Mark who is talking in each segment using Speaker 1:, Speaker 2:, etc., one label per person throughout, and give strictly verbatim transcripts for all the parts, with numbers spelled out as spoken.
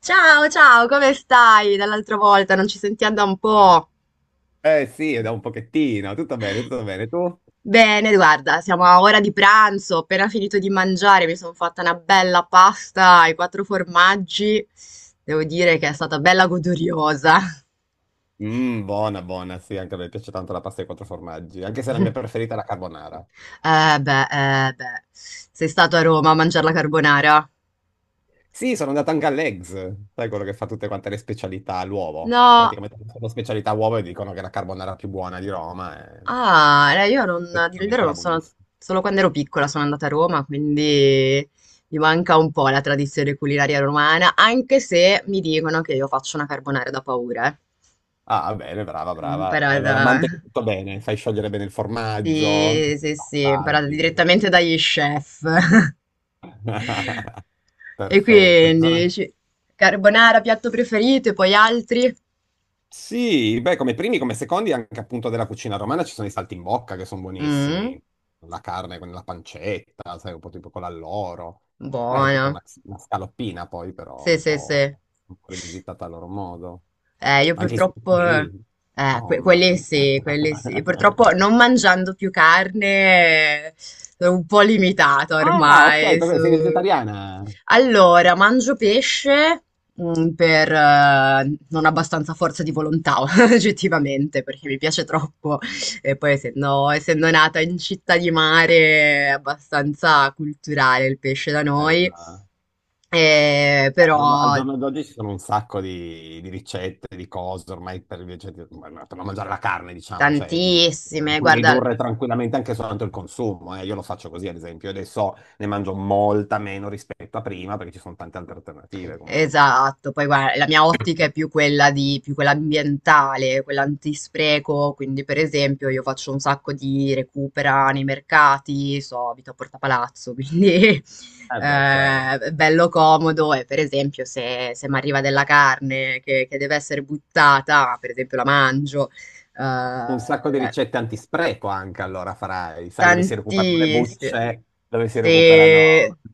Speaker 1: Ciao, ciao, come stai? Dall'altra volta non ci sentiamo da un po'.
Speaker 2: Eh sì, è da un pochettino, tutto bene, tutto bene. Tu?
Speaker 1: Bene, guarda, siamo a ora di pranzo, ho appena finito di mangiare, mi sono fatta una bella pasta ai quattro formaggi. Devo dire che è stata bella goduriosa.
Speaker 2: Mm, buona, buona, sì, anche a me piace tanto la pasta ai quattro formaggi, anche se la mia preferita è la carbonara.
Speaker 1: Eh beh, eh beh, sei stato a Roma a mangiare la carbonara?
Speaker 2: Sì, sono andato anche all'Eggs, sai quello che fa tutte quante le specialità all'uovo.
Speaker 1: No,
Speaker 2: Praticamente tutte le specialità all'uovo e dicono che è la carbonara più buona di Roma, e
Speaker 1: Ah, eh, io non, a dire il
Speaker 2: effettivamente
Speaker 1: vero non
Speaker 2: era
Speaker 1: sono,
Speaker 2: buonissima.
Speaker 1: solo quando ero piccola sono andata a Roma, quindi mi manca un po' la tradizione culinaria romana, anche se mi dicono che io faccio una carbonara da paura. Eh.
Speaker 2: Ah, bene, brava,
Speaker 1: L'ho
Speaker 2: brava.
Speaker 1: imparata,
Speaker 2: Allora, mantechi tutto bene, fai sciogliere bene il formaggio,
Speaker 1: sì, sì, sì, imparata
Speaker 2: passaggi.
Speaker 1: direttamente dagli chef. E
Speaker 2: Perfetto. Ci
Speaker 1: quindi,
Speaker 2: sono-
Speaker 1: dici, carbonara, piatto preferito, e poi altri?
Speaker 2: Sì, beh, come primi, come secondi, anche appunto della cucina romana ci sono i saltimbocca che sono
Speaker 1: Mm,
Speaker 2: buonissimi. La carne con la pancetta, sai, un po' tipo con l'alloro. Sai, tipo
Speaker 1: buona.
Speaker 2: una, una scaloppina poi, però
Speaker 1: Sì,
Speaker 2: un
Speaker 1: sì,
Speaker 2: po',
Speaker 1: sì.
Speaker 2: un po' rivisitata a loro modo.
Speaker 1: Eh, io
Speaker 2: Anche i
Speaker 1: purtroppo, eh,
Speaker 2: supplì,
Speaker 1: que-
Speaker 2: insomma.
Speaker 1: quelli sì, quelli sì. Purtroppo non mangiando più carne, eh, sono un po' limitato
Speaker 2: Ah, ok,
Speaker 1: ormai. su-
Speaker 2: perché sei vegetariana.
Speaker 1: Allora, mangio pesce, mm, per, eh, non abbastanza forza di volontà, oggettivamente, perché mi piace troppo. E poi, essendo, essendo nata in città di mare, è abbastanza culturale il pesce da noi.
Speaker 2: Bella.
Speaker 1: Eh,
Speaker 2: giorno- Al
Speaker 1: però.
Speaker 2: giorno d'oggi ci sono un sacco di, di ricette, di cose ormai per, ricette- per non mangiare la carne, diciamo, cioè mh, ne
Speaker 1: Tantissime,
Speaker 2: puoi
Speaker 1: guarda,
Speaker 2: ridurre tranquillamente anche soltanto il consumo. Eh. Io lo faccio così, ad esempio, io adesso ne mangio molta meno rispetto a prima perché ci sono tante altre alternative comunque.
Speaker 1: esatto, poi guarda, la mia ottica è più quella di, più quella ambientale, quella antispreco, quindi per esempio io faccio un sacco di recupera nei mercati, so, abito a Porta Palazzo, quindi
Speaker 2: Eh beh, certo.
Speaker 1: eh, è bello comodo e per esempio se, se mi arriva della carne che, che deve essere buttata, per esempio la mangio,
Speaker 2: Un sacco di
Speaker 1: eh,
Speaker 2: ricette antispreco anche allora farai, sai dove si recuperano le
Speaker 1: Tantissimo.
Speaker 2: bucce, dove si
Speaker 1: Sì,
Speaker 2: recuperano i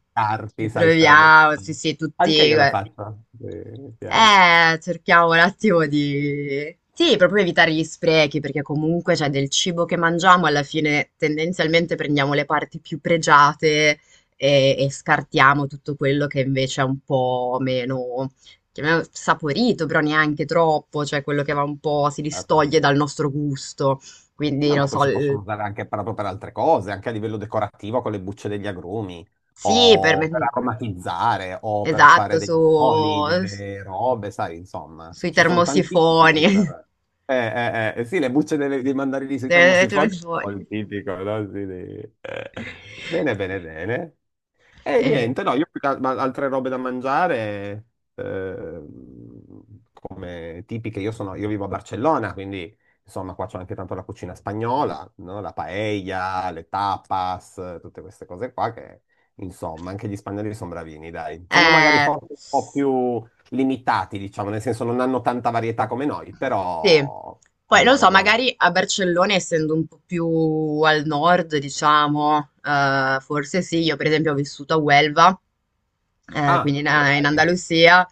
Speaker 1: ci
Speaker 2: carti, sai, ste robe qua.
Speaker 1: proviamo, sì, sì,
Speaker 2: Anche
Speaker 1: tutti,
Speaker 2: io lo
Speaker 1: guarda.
Speaker 2: faccio, sì, mi piace.
Speaker 1: Eh, cerchiamo un attimo di... Sì, proprio evitare gli sprechi, perché comunque c'è del cibo che mangiamo, alla fine tendenzialmente prendiamo le parti più pregiate e, e scartiamo tutto quello che invece è un po' meno, chiamiamolo saporito, però neanche troppo, cioè quello che va un po', si
Speaker 2: Certo.
Speaker 1: distoglie dal nostro gusto. Quindi,
Speaker 2: No,
Speaker 1: non
Speaker 2: ma poi
Speaker 1: so,
Speaker 2: si possono
Speaker 1: il-
Speaker 2: usare anche proprio per altre cose, anche a livello decorativo con le bucce degli agrumi,
Speaker 1: Sì, per
Speaker 2: o per
Speaker 1: me.
Speaker 2: aromatizzare, o per fare
Speaker 1: Esatto,
Speaker 2: dei
Speaker 1: su...
Speaker 2: oli, delle robe, sai, insomma,
Speaker 1: sui
Speaker 2: ci sono tantissimi
Speaker 1: termosifoni.
Speaker 2: modi per... Eh, eh, eh, eh, sì, le bucce delle- dei mandarini sui
Speaker 1: Eh,
Speaker 2: termosifoni
Speaker 1: termosifoni.
Speaker 2: sono il tipico, no? Sì, dei- eh. Bene, bene, bene. E
Speaker 1: Eh,
Speaker 2: niente, no, io più che al- ma- altre robe da mangiare, ehm, come tipiche, io sono, io vivo a Barcellona, quindi... Insomma, qua c'è anche tanto la cucina spagnola, no? La paella, le tapas, eh, tutte queste cose qua che, insomma, anche gli spagnoli sono bravini, dai. Sono magari
Speaker 1: eh,
Speaker 2: forse un po' più limitati, diciamo, nel senso non hanno tanta varietà come noi,
Speaker 1: Sì,
Speaker 2: però è
Speaker 1: poi non
Speaker 2: buona, è
Speaker 1: so,
Speaker 2: buona.
Speaker 1: magari a Barcellona, essendo un po' più al nord, diciamo, eh, forse sì, io per esempio ho vissuto a Huelva, eh,
Speaker 2: Ah,
Speaker 1: quindi in,
Speaker 2: ma
Speaker 1: in
Speaker 2: dai.
Speaker 1: Andalusia,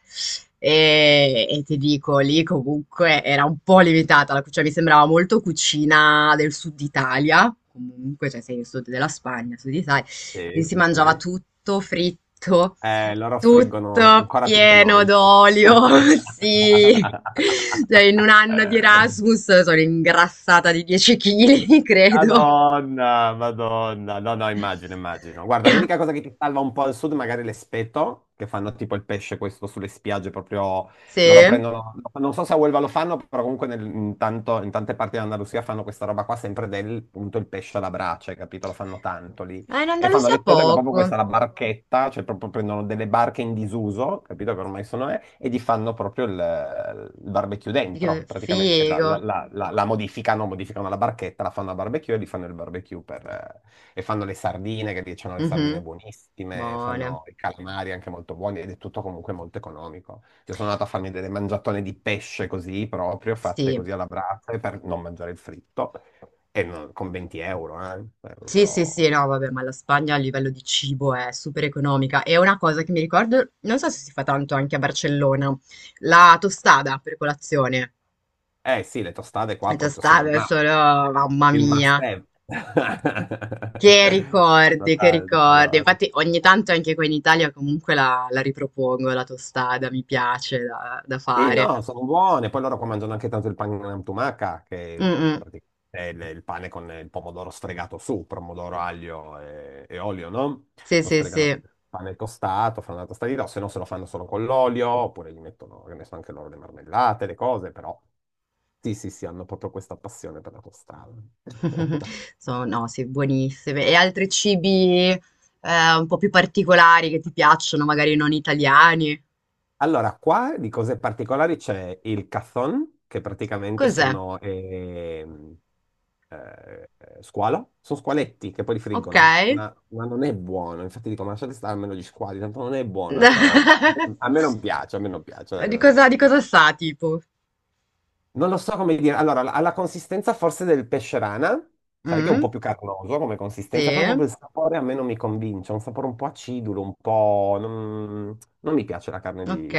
Speaker 1: e, e ti dico, lì comunque era un po' limitata, la- cioè mi sembrava molto cucina del sud Italia, comunque, cioè sei nel sud della Spagna, sud Italia,
Speaker 2: Sì,
Speaker 1: quindi si
Speaker 2: sì,
Speaker 1: mangiava
Speaker 2: sì.
Speaker 1: tutto fritto,
Speaker 2: Eh, loro friggono
Speaker 1: tutto
Speaker 2: ancora più di
Speaker 1: pieno
Speaker 2: noi.
Speaker 1: d'olio, sì. Cioè in un anno di Erasmus sono ingrassata di dieci chili, credo.
Speaker 2: Madonna, Madonna, no, no, immagino, immagino. Guarda, l'unica cosa che ti salva un po' al sud, magari l'espeto, che fanno tipo il pesce questo sulle spiagge, proprio
Speaker 1: Sì?
Speaker 2: loro
Speaker 1: Eh,
Speaker 2: prendono, non so se a Huelva lo fanno, però comunque nel- in, tanto- in tante parti dell'Andalusia fanno questa roba qua, sempre del, appunto, il pesce alla brace, capito? Lo fanno tanto lì.
Speaker 1: in
Speaker 2: E fanno
Speaker 1: Andalusia
Speaker 2: l'estetica proprio
Speaker 1: poco.
Speaker 2: questa, è la barchetta, cioè proprio prendono delle barche in disuso, capito che ormai sono, eh, e gli fanno proprio il, il barbecue
Speaker 1: Che
Speaker 2: dentro, praticamente la, la-
Speaker 1: figo.
Speaker 2: la- la- la modificano, modificano la barchetta, la fanno a barbecue e gli fanno il barbecue per, eh, e fanno le sardine, che lì c'hanno le sardine
Speaker 1: Mhm.
Speaker 2: buonissime,
Speaker 1: Buone.
Speaker 2: fanno i calamari anche molto buoni ed è tutto comunque molto economico. Io sono andato a farmi delle mangiatone di pesce così proprio, fatte
Speaker 1: Sì.
Speaker 2: così alla brace per non mangiare il fritto, e non- con venti euro, eh, è
Speaker 1: Sì, sì,
Speaker 2: proprio...
Speaker 1: sì, no, vabbè, ma la Spagna a livello di cibo è super economica. E una cosa che mi ricordo, non so se si fa tanto anche a Barcellona, la tostada per colazione.
Speaker 2: Eh sì, le tostate qua proprio sono il,
Speaker 1: Tostate
Speaker 2: ma-
Speaker 1: solo, mamma
Speaker 2: il
Speaker 1: mia,
Speaker 2: must have.
Speaker 1: che
Speaker 2: Fanno
Speaker 1: ricordi, che
Speaker 2: tanto
Speaker 1: ricordi.
Speaker 2: loro.
Speaker 1: Infatti ogni tanto anche qua in Italia comunque la, la ripropongo, la tostada, mi piace da, da
Speaker 2: Sì,
Speaker 1: fare.
Speaker 2: no, sono buone. Poi loro qua mangiano anche tanto il pane tumaca, che
Speaker 1: Mm, mm.
Speaker 2: praticamente è il, il pane con il pomodoro sfregato su, pomodoro, aglio e, e olio, no?
Speaker 1: Sì,
Speaker 2: Lo
Speaker 1: sì,
Speaker 2: sfregano con
Speaker 1: sì.
Speaker 2: il pane tostato, fanno la tostata di riso, se no se lo fanno solo con l'olio, oppure gli mettono, che ne so, anche loro le marmellate, le cose, però sì, sì, sì, hanno proprio questa passione per la tostata.
Speaker 1: Sono, no, sì, buonissime. E altri cibi eh, un po' più particolari che ti piacciono, magari non italiani?
Speaker 2: Allora, qua di cose particolari c'è il cazón, che praticamente
Speaker 1: Cos'è?
Speaker 2: sono ehm, eh, squalo, sono squaletti che poi li
Speaker 1: Ok.
Speaker 2: friggono, ma, ma non è buono, infatti dico, ma lasciate stare almeno gli squali, tanto non è buona sta roba, a me non piace, a me non piace, dai, che
Speaker 1: Di
Speaker 2: non è
Speaker 1: cosa, di
Speaker 2: buono.
Speaker 1: cosa sa, tipo?
Speaker 2: Non lo so come dire. Allora, ha la consistenza forse del pesce rana, sai che è un po'
Speaker 1: Mm?
Speaker 2: più carnoso come consistenza,
Speaker 1: Sì,
Speaker 2: però proprio il sapore a me non mi convince, è un sapore un po' acidulo, un po'... Non, non mi piace la carne
Speaker 1: ok.
Speaker 2: di,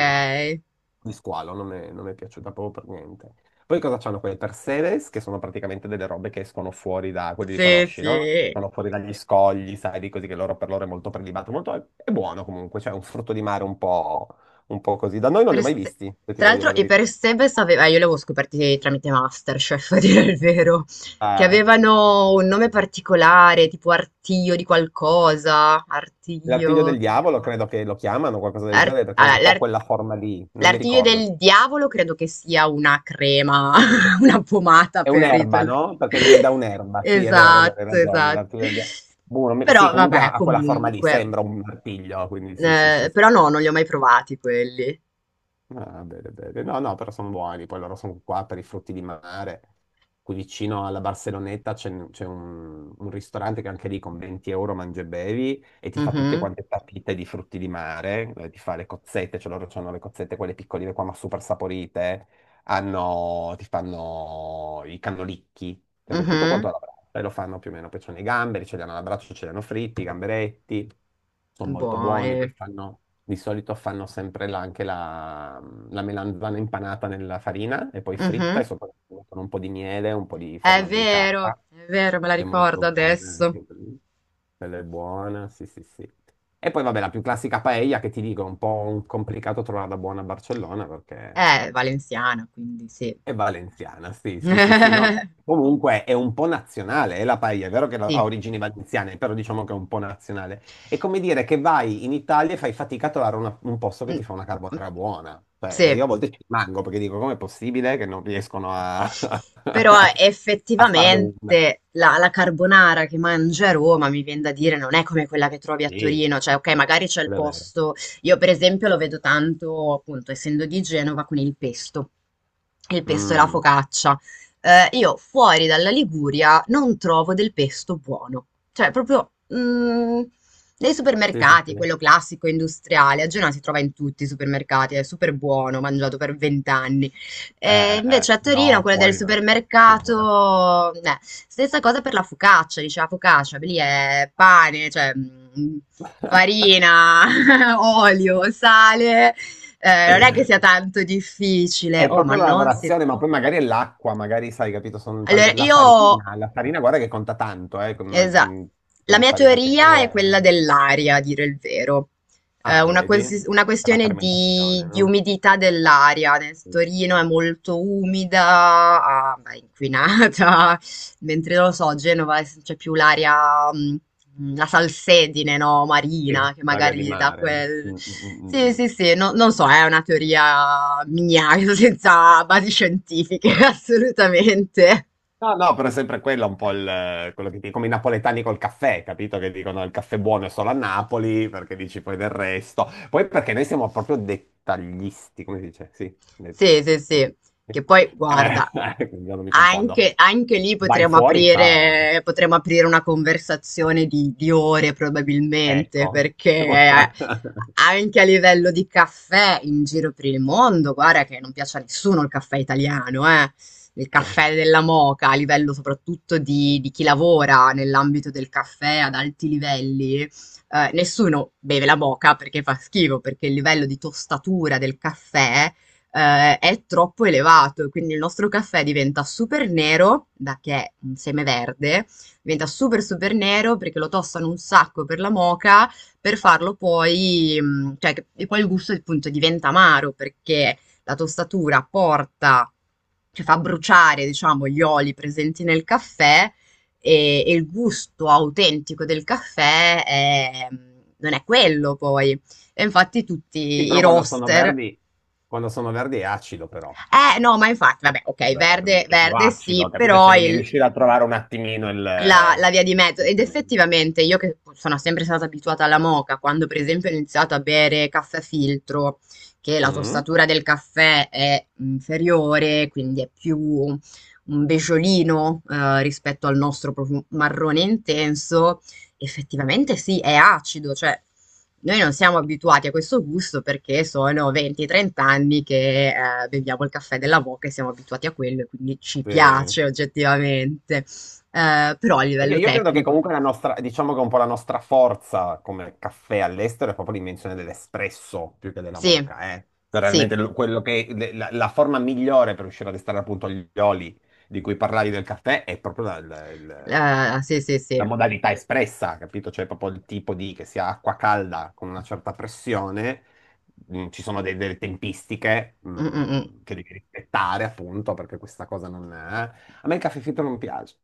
Speaker 2: di squalo, non mi non mi è piaciuta proprio per niente. Poi cosa c'hanno quei perseves, che sono praticamente delle robe che escono fuori da... quelli li
Speaker 1: Sì,
Speaker 2: conosci, no?
Speaker 1: sì.
Speaker 2: Escono fuori dagli scogli, sai, di così che loro per loro è molto prelibato, molto... è è buono comunque, cioè è un frutto di mare un po'... un po' così. Da noi non li ho
Speaker 1: Per
Speaker 2: mai
Speaker 1: Se-
Speaker 2: visti, se ti
Speaker 1: Tra
Speaker 2: devo dire la
Speaker 1: l'altro, e
Speaker 2: verità.
Speaker 1: per Sebes aveva, io li avevo scoperti tramite Masterchef, a dire il vero, che
Speaker 2: Eh,
Speaker 1: avevano un nome particolare, tipo Artio di qualcosa,
Speaker 2: L'artiglio del
Speaker 1: Artio,
Speaker 2: diavolo, credo che lo chiamano, qualcosa del
Speaker 1: Ar-
Speaker 2: genere, perché ha
Speaker 1: ah,
Speaker 2: un po'
Speaker 1: l'ar-
Speaker 2: quella forma lì, non mi
Speaker 1: l'Artio
Speaker 2: ricordo.
Speaker 1: del diavolo credo che sia una crema, una pomata
Speaker 2: È
Speaker 1: per
Speaker 2: un'erba,
Speaker 1: Riddle.
Speaker 2: no? Perché viene da un'erba, sì, è vero, è vero, hai
Speaker 1: Esatto,
Speaker 2: ragione,
Speaker 1: esatto.
Speaker 2: l'artiglio del diavolo. Boh, non mi- Sì,
Speaker 1: Però
Speaker 2: comunque
Speaker 1: vabbè,
Speaker 2: ha ha quella forma lì,
Speaker 1: comunque.
Speaker 2: sembra un artiglio, quindi sì, sì, sì,
Speaker 1: Eh,
Speaker 2: sì.
Speaker 1: però no, non li ho mai provati quelli.
Speaker 2: Ah, bene, bene. No, no, però sono buoni. Poi loro sono qua per i frutti di mare. Qui vicino alla Barceloneta c'è c'è un, un ristorante che anche lì con venti euro mangi e bevi e ti fa tutte
Speaker 1: Mhm,
Speaker 2: quante papite di frutti di mare. eh, Ti fa le cozzette, cioè loro hanno le cozzette quelle piccoline qua, ma super saporite hanno- ti fanno i cannolicchi, sempre tutto
Speaker 1: mhm.
Speaker 2: quanto alla brace, e lo fanno più o meno, poi sono i gamberi, ce li hanno alla braccia, ce li hanno fritti, i gamberetti, sono molto buoni, poi
Speaker 1: Buone.
Speaker 2: fanno, di solito fanno sempre la- anche la, la melanzana impanata nella farina e poi fritta e
Speaker 1: Mhm.
Speaker 2: sopra ci mettono un po' di miele, un po' di
Speaker 1: È
Speaker 2: formaggio di capra,
Speaker 1: vero, è vero, me la
Speaker 2: che è molto
Speaker 1: ricordo
Speaker 2: buona,
Speaker 1: adesso.
Speaker 2: anche quella quella è buona, sì sì sì. E poi vabbè, la più classica paella che ti dico, è un po' un complicato trovarla buona a Barcellona perché
Speaker 1: È valenziana, quindi sì.
Speaker 2: è valenziana, sì, sì, sì, sì, no. Comunque è un po' nazionale, è la paella, è vero che ha
Speaker 1: Sì.
Speaker 2: origini valenziane, però diciamo che è un po' nazionale. È come dire che vai in Italia e fai fatica a trovare una- un posto che ti
Speaker 1: Mm,
Speaker 2: fa una
Speaker 1: mm,
Speaker 2: carbonara buona. Cioè, eh,
Speaker 1: Sì.
Speaker 2: io a volte ci rimango perché dico, com'è possibile che non riescono a,
Speaker 1: Però eh,
Speaker 2: a farne una?
Speaker 1: effettivamente la la carbonara che mangi a Roma, mi vien da dire, non è come quella che trovi a
Speaker 2: Sì,
Speaker 1: Torino, cioè ok, magari c'è il
Speaker 2: quello è vero.
Speaker 1: posto, io per esempio lo vedo tanto, appunto, essendo di Genova, con il pesto, il pesto e la
Speaker 2: Mm,
Speaker 1: focaccia. Eh, io fuori dalla Liguria non trovo del pesto buono, cioè proprio mm, nei
Speaker 2: sì, sì, sì.
Speaker 1: supermercati,
Speaker 2: Eh,
Speaker 1: quello classico industriale, a Genova si trova in tutti i supermercati, è super buono, mangiato per vent'anni e
Speaker 2: eh, eh,
Speaker 1: invece a Torino,
Speaker 2: no,
Speaker 1: quella del
Speaker 2: fuori no, figurati.
Speaker 1: supermercato, eh, stessa cosa per la focaccia, dice la focaccia, lì è pane, cioè mh, farina, olio, sale, eh, non è che sia tanto difficile.
Speaker 2: È
Speaker 1: Oh, ma
Speaker 2: proprio la
Speaker 1: non si...
Speaker 2: lavorazione, ma poi magari è l'acqua, magari sai, capito, sono
Speaker 1: Allora,
Speaker 2: tante... La
Speaker 1: io
Speaker 2: farina, la farina guarda che conta tanto, eh, con ma-
Speaker 1: Esa
Speaker 2: mm, tipo
Speaker 1: la
Speaker 2: di
Speaker 1: mia
Speaker 2: farina che
Speaker 1: teoria
Speaker 2: è.
Speaker 1: è
Speaker 2: Eh.
Speaker 1: quella dell'aria, a dire il vero. È
Speaker 2: Ah,
Speaker 1: una,
Speaker 2: vedi?
Speaker 1: questi- una
Speaker 2: Per la
Speaker 1: questione
Speaker 2: fermentazione,
Speaker 1: di, di
Speaker 2: no?
Speaker 1: umidità dell'aria. Nel-
Speaker 2: Mm, mm.
Speaker 1: Torino è
Speaker 2: Mm.
Speaker 1: molto umida, ah, è inquinata, mentre non lo so, Genova è- c'è più l'aria, mh, la salsedine, no,
Speaker 2: Sì,
Speaker 1: marina, che
Speaker 2: l'aria di
Speaker 1: magari dà
Speaker 2: mare.
Speaker 1: quel...
Speaker 2: Mm, mm, mm, mm.
Speaker 1: Sì,
Speaker 2: Mm.
Speaker 1: sì, sì, no- non so, è una teoria mia, senza basi scientifiche, assolutamente.
Speaker 2: No, no, però è sempre quello un po' il, quello che dicono come i napoletani col caffè, capito? Che dicono il caffè buono è solo a Napoli, perché dici poi del resto. Poi perché noi siamo proprio dettagliisti, come si dice? Sì. de- de-
Speaker 1: Sì, sì, sì. Che
Speaker 2: de-
Speaker 1: poi, guarda,
Speaker 2: eh, quindi io non mi confondo.
Speaker 1: anche, anche lì
Speaker 2: Vai
Speaker 1: potremmo
Speaker 2: fuori, ciao. Eh.
Speaker 1: aprire, potremmo aprire una conversazione di, di ore probabilmente,
Speaker 2: Ecco.
Speaker 1: perché anche a livello di caffè in giro per il mondo, guarda che non piace a nessuno il caffè italiano, eh. Il caffè della moka, a livello soprattutto di, di chi lavora nell'ambito del caffè ad alti livelli, eh, nessuno beve la moka perché fa schifo, perché il livello di tostatura del caffè eh, è troppo elevato, e quindi il nostro caffè diventa super nero, da che è un seme verde, diventa super super nero perché lo tostano un sacco per la moka, per farlo poi, mh, cioè, che- e poi il gusto appunto diventa amaro perché la tostatura porta, cioè fa bruciare, diciamo, gli oli presenti nel caffè e, e il gusto autentico del caffè è- mm, non è quello poi. E infatti tutti
Speaker 2: Sì,
Speaker 1: i
Speaker 2: però quando sono
Speaker 1: roaster
Speaker 2: verdi, quando sono verdi è acido però.
Speaker 1: eh no, ma infatti, vabbè, okay,
Speaker 2: Verdi,
Speaker 1: verde
Speaker 2: è più
Speaker 1: verde
Speaker 2: acido,
Speaker 1: sì,
Speaker 2: capito? Cioè
Speaker 1: però
Speaker 2: devi
Speaker 1: il
Speaker 2: riuscire a trovare un attimino
Speaker 1: la,
Speaker 2: il...
Speaker 1: la via di mezzo.
Speaker 2: il-
Speaker 1: Ed
Speaker 2: temendo.
Speaker 1: effettivamente io che sono sempre stata abituata alla moka, quando per esempio ho iniziato a bere caffè filtro, che la
Speaker 2: Mm?
Speaker 1: tostatura del caffè è inferiore, quindi è più un besciolino eh, rispetto al nostro proprio marrone intenso, effettivamente sì, è acido, cioè noi non siamo abituati a questo gusto perché sono venti a trenta anni che eh, beviamo il caffè della moka e siamo abituati a quello, e quindi ci
Speaker 2: Sì.
Speaker 1: piace oggettivamente. Eh, però a
Speaker 2: Oddio,
Speaker 1: livello
Speaker 2: io credo che
Speaker 1: tecnico,
Speaker 2: comunque la nostra, diciamo che un po' la nostra forza come caffè all'estero è proprio l'invenzione dell'espresso più che della
Speaker 1: sì,
Speaker 2: moka, eh. Cioè,
Speaker 1: sì,
Speaker 2: realmente lo- quello che, le- la, la forma migliore per riuscire ad estrarre appunto gli oli di cui parlavi del caffè è proprio la, la- il-
Speaker 1: eh, sì, sì, sì.
Speaker 2: la modalità espressa, capito? Cioè proprio il tipo di che sia acqua calda con una certa pressione, Mm, ci sono de- delle tempistiche,
Speaker 1: Mm, mm, mm.
Speaker 2: mm, che devi rispettare appunto perché questa cosa non è. Eh. A me il caffè fritto non piace.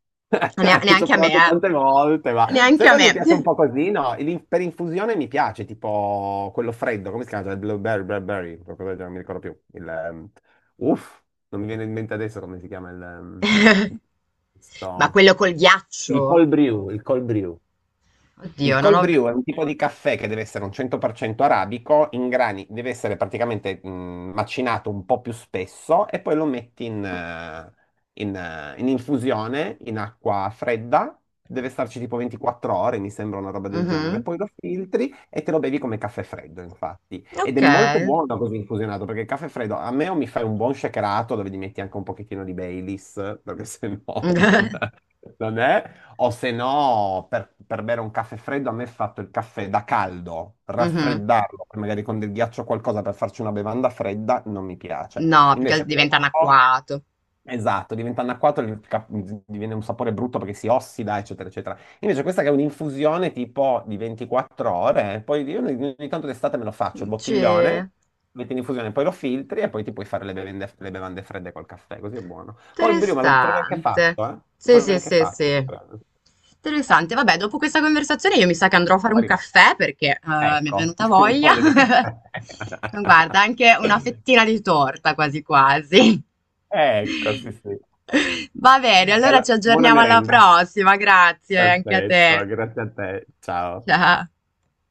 Speaker 1: Nea-
Speaker 2: Ci ho
Speaker 1: neanche a me,
Speaker 2: provato tante volte, ma
Speaker 1: eh. Neanche
Speaker 2: sai
Speaker 1: a
Speaker 2: quando mi
Speaker 1: me.
Speaker 2: piace un po' così? No, il- per infusione mi piace, tipo quello freddo, come si chiama? Il blueberry, blueberry, qualcosa del genere, non mi ricordo più. Il, ehm, uff, non mi viene in mente adesso come si chiama il... ehm,
Speaker 1: Ma
Speaker 2: sto-
Speaker 1: quello col
Speaker 2: Il
Speaker 1: ghiaccio?
Speaker 2: cold brew, il cold brew. Il
Speaker 1: Oddio, non
Speaker 2: cold
Speaker 1: ho...
Speaker 2: brew è un tipo di caffè che deve essere un cento per cento arabico, in grani, deve essere praticamente mh, macinato un po' più spesso e poi lo metti in, eh, in, eh, in infusione in acqua fredda, deve starci tipo ventiquattro ore, mi sembra una roba del genere.
Speaker 1: Mhm.
Speaker 2: Poi lo filtri e te lo bevi come caffè freddo, infatti. Ed è
Speaker 1: Ok.
Speaker 2: molto buono così infusionato, perché il caffè freddo a me o mi fai un buon shakerato dove gli metti anche un pochettino di Baileys, perché se no non, non è. O se no, per, per bere un caffè freddo, a me è fatto il caffè da caldo,
Speaker 1: Mhm.
Speaker 2: raffreddarlo, poi magari con del ghiaccio o qualcosa per farci una bevanda fredda, non mi piace.
Speaker 1: No, più che
Speaker 2: Invece
Speaker 1: altro diventa
Speaker 2: questo,
Speaker 1: anacquato.
Speaker 2: esatto, diventa anacquato, il ca- diviene un sapore brutto perché si ossida, eccetera, eccetera. Invece questa che è un'infusione tipo di ventiquattro ore, poi io ogni, ogni tanto d'estate me lo faccio, il
Speaker 1: Sì.
Speaker 2: bottiglione, metti in infusione, poi lo filtri e poi ti puoi fare le bevande, le bevande fredde col caffè, così è buono. Col Briuma lo trovi anche
Speaker 1: Interessante.
Speaker 2: fatto, eh? Lo
Speaker 1: Sì,
Speaker 2: trovi
Speaker 1: sì,
Speaker 2: anche
Speaker 1: sì,
Speaker 2: fatto, io
Speaker 1: sì.
Speaker 2: credo
Speaker 1: Interessante. Vabbè, dopo questa conversazione io mi sa che andrò a fare un
Speaker 2: arrivato.
Speaker 1: caffè perché eh, mi è
Speaker 2: Ecco,
Speaker 1: venuta
Speaker 2: non
Speaker 1: voglia.
Speaker 2: voglio di caffè.
Speaker 1: Guarda, anche una fettina di torta quasi quasi.
Speaker 2: Ecco, sì, sì.
Speaker 1: Va bene,
Speaker 2: E
Speaker 1: allora
Speaker 2: allora,
Speaker 1: ci
Speaker 2: buona
Speaker 1: aggiorniamo alla
Speaker 2: merenda.
Speaker 1: prossima. Grazie anche a
Speaker 2: Perfetto,
Speaker 1: te.
Speaker 2: grazie a te. Ciao.
Speaker 1: Ciao.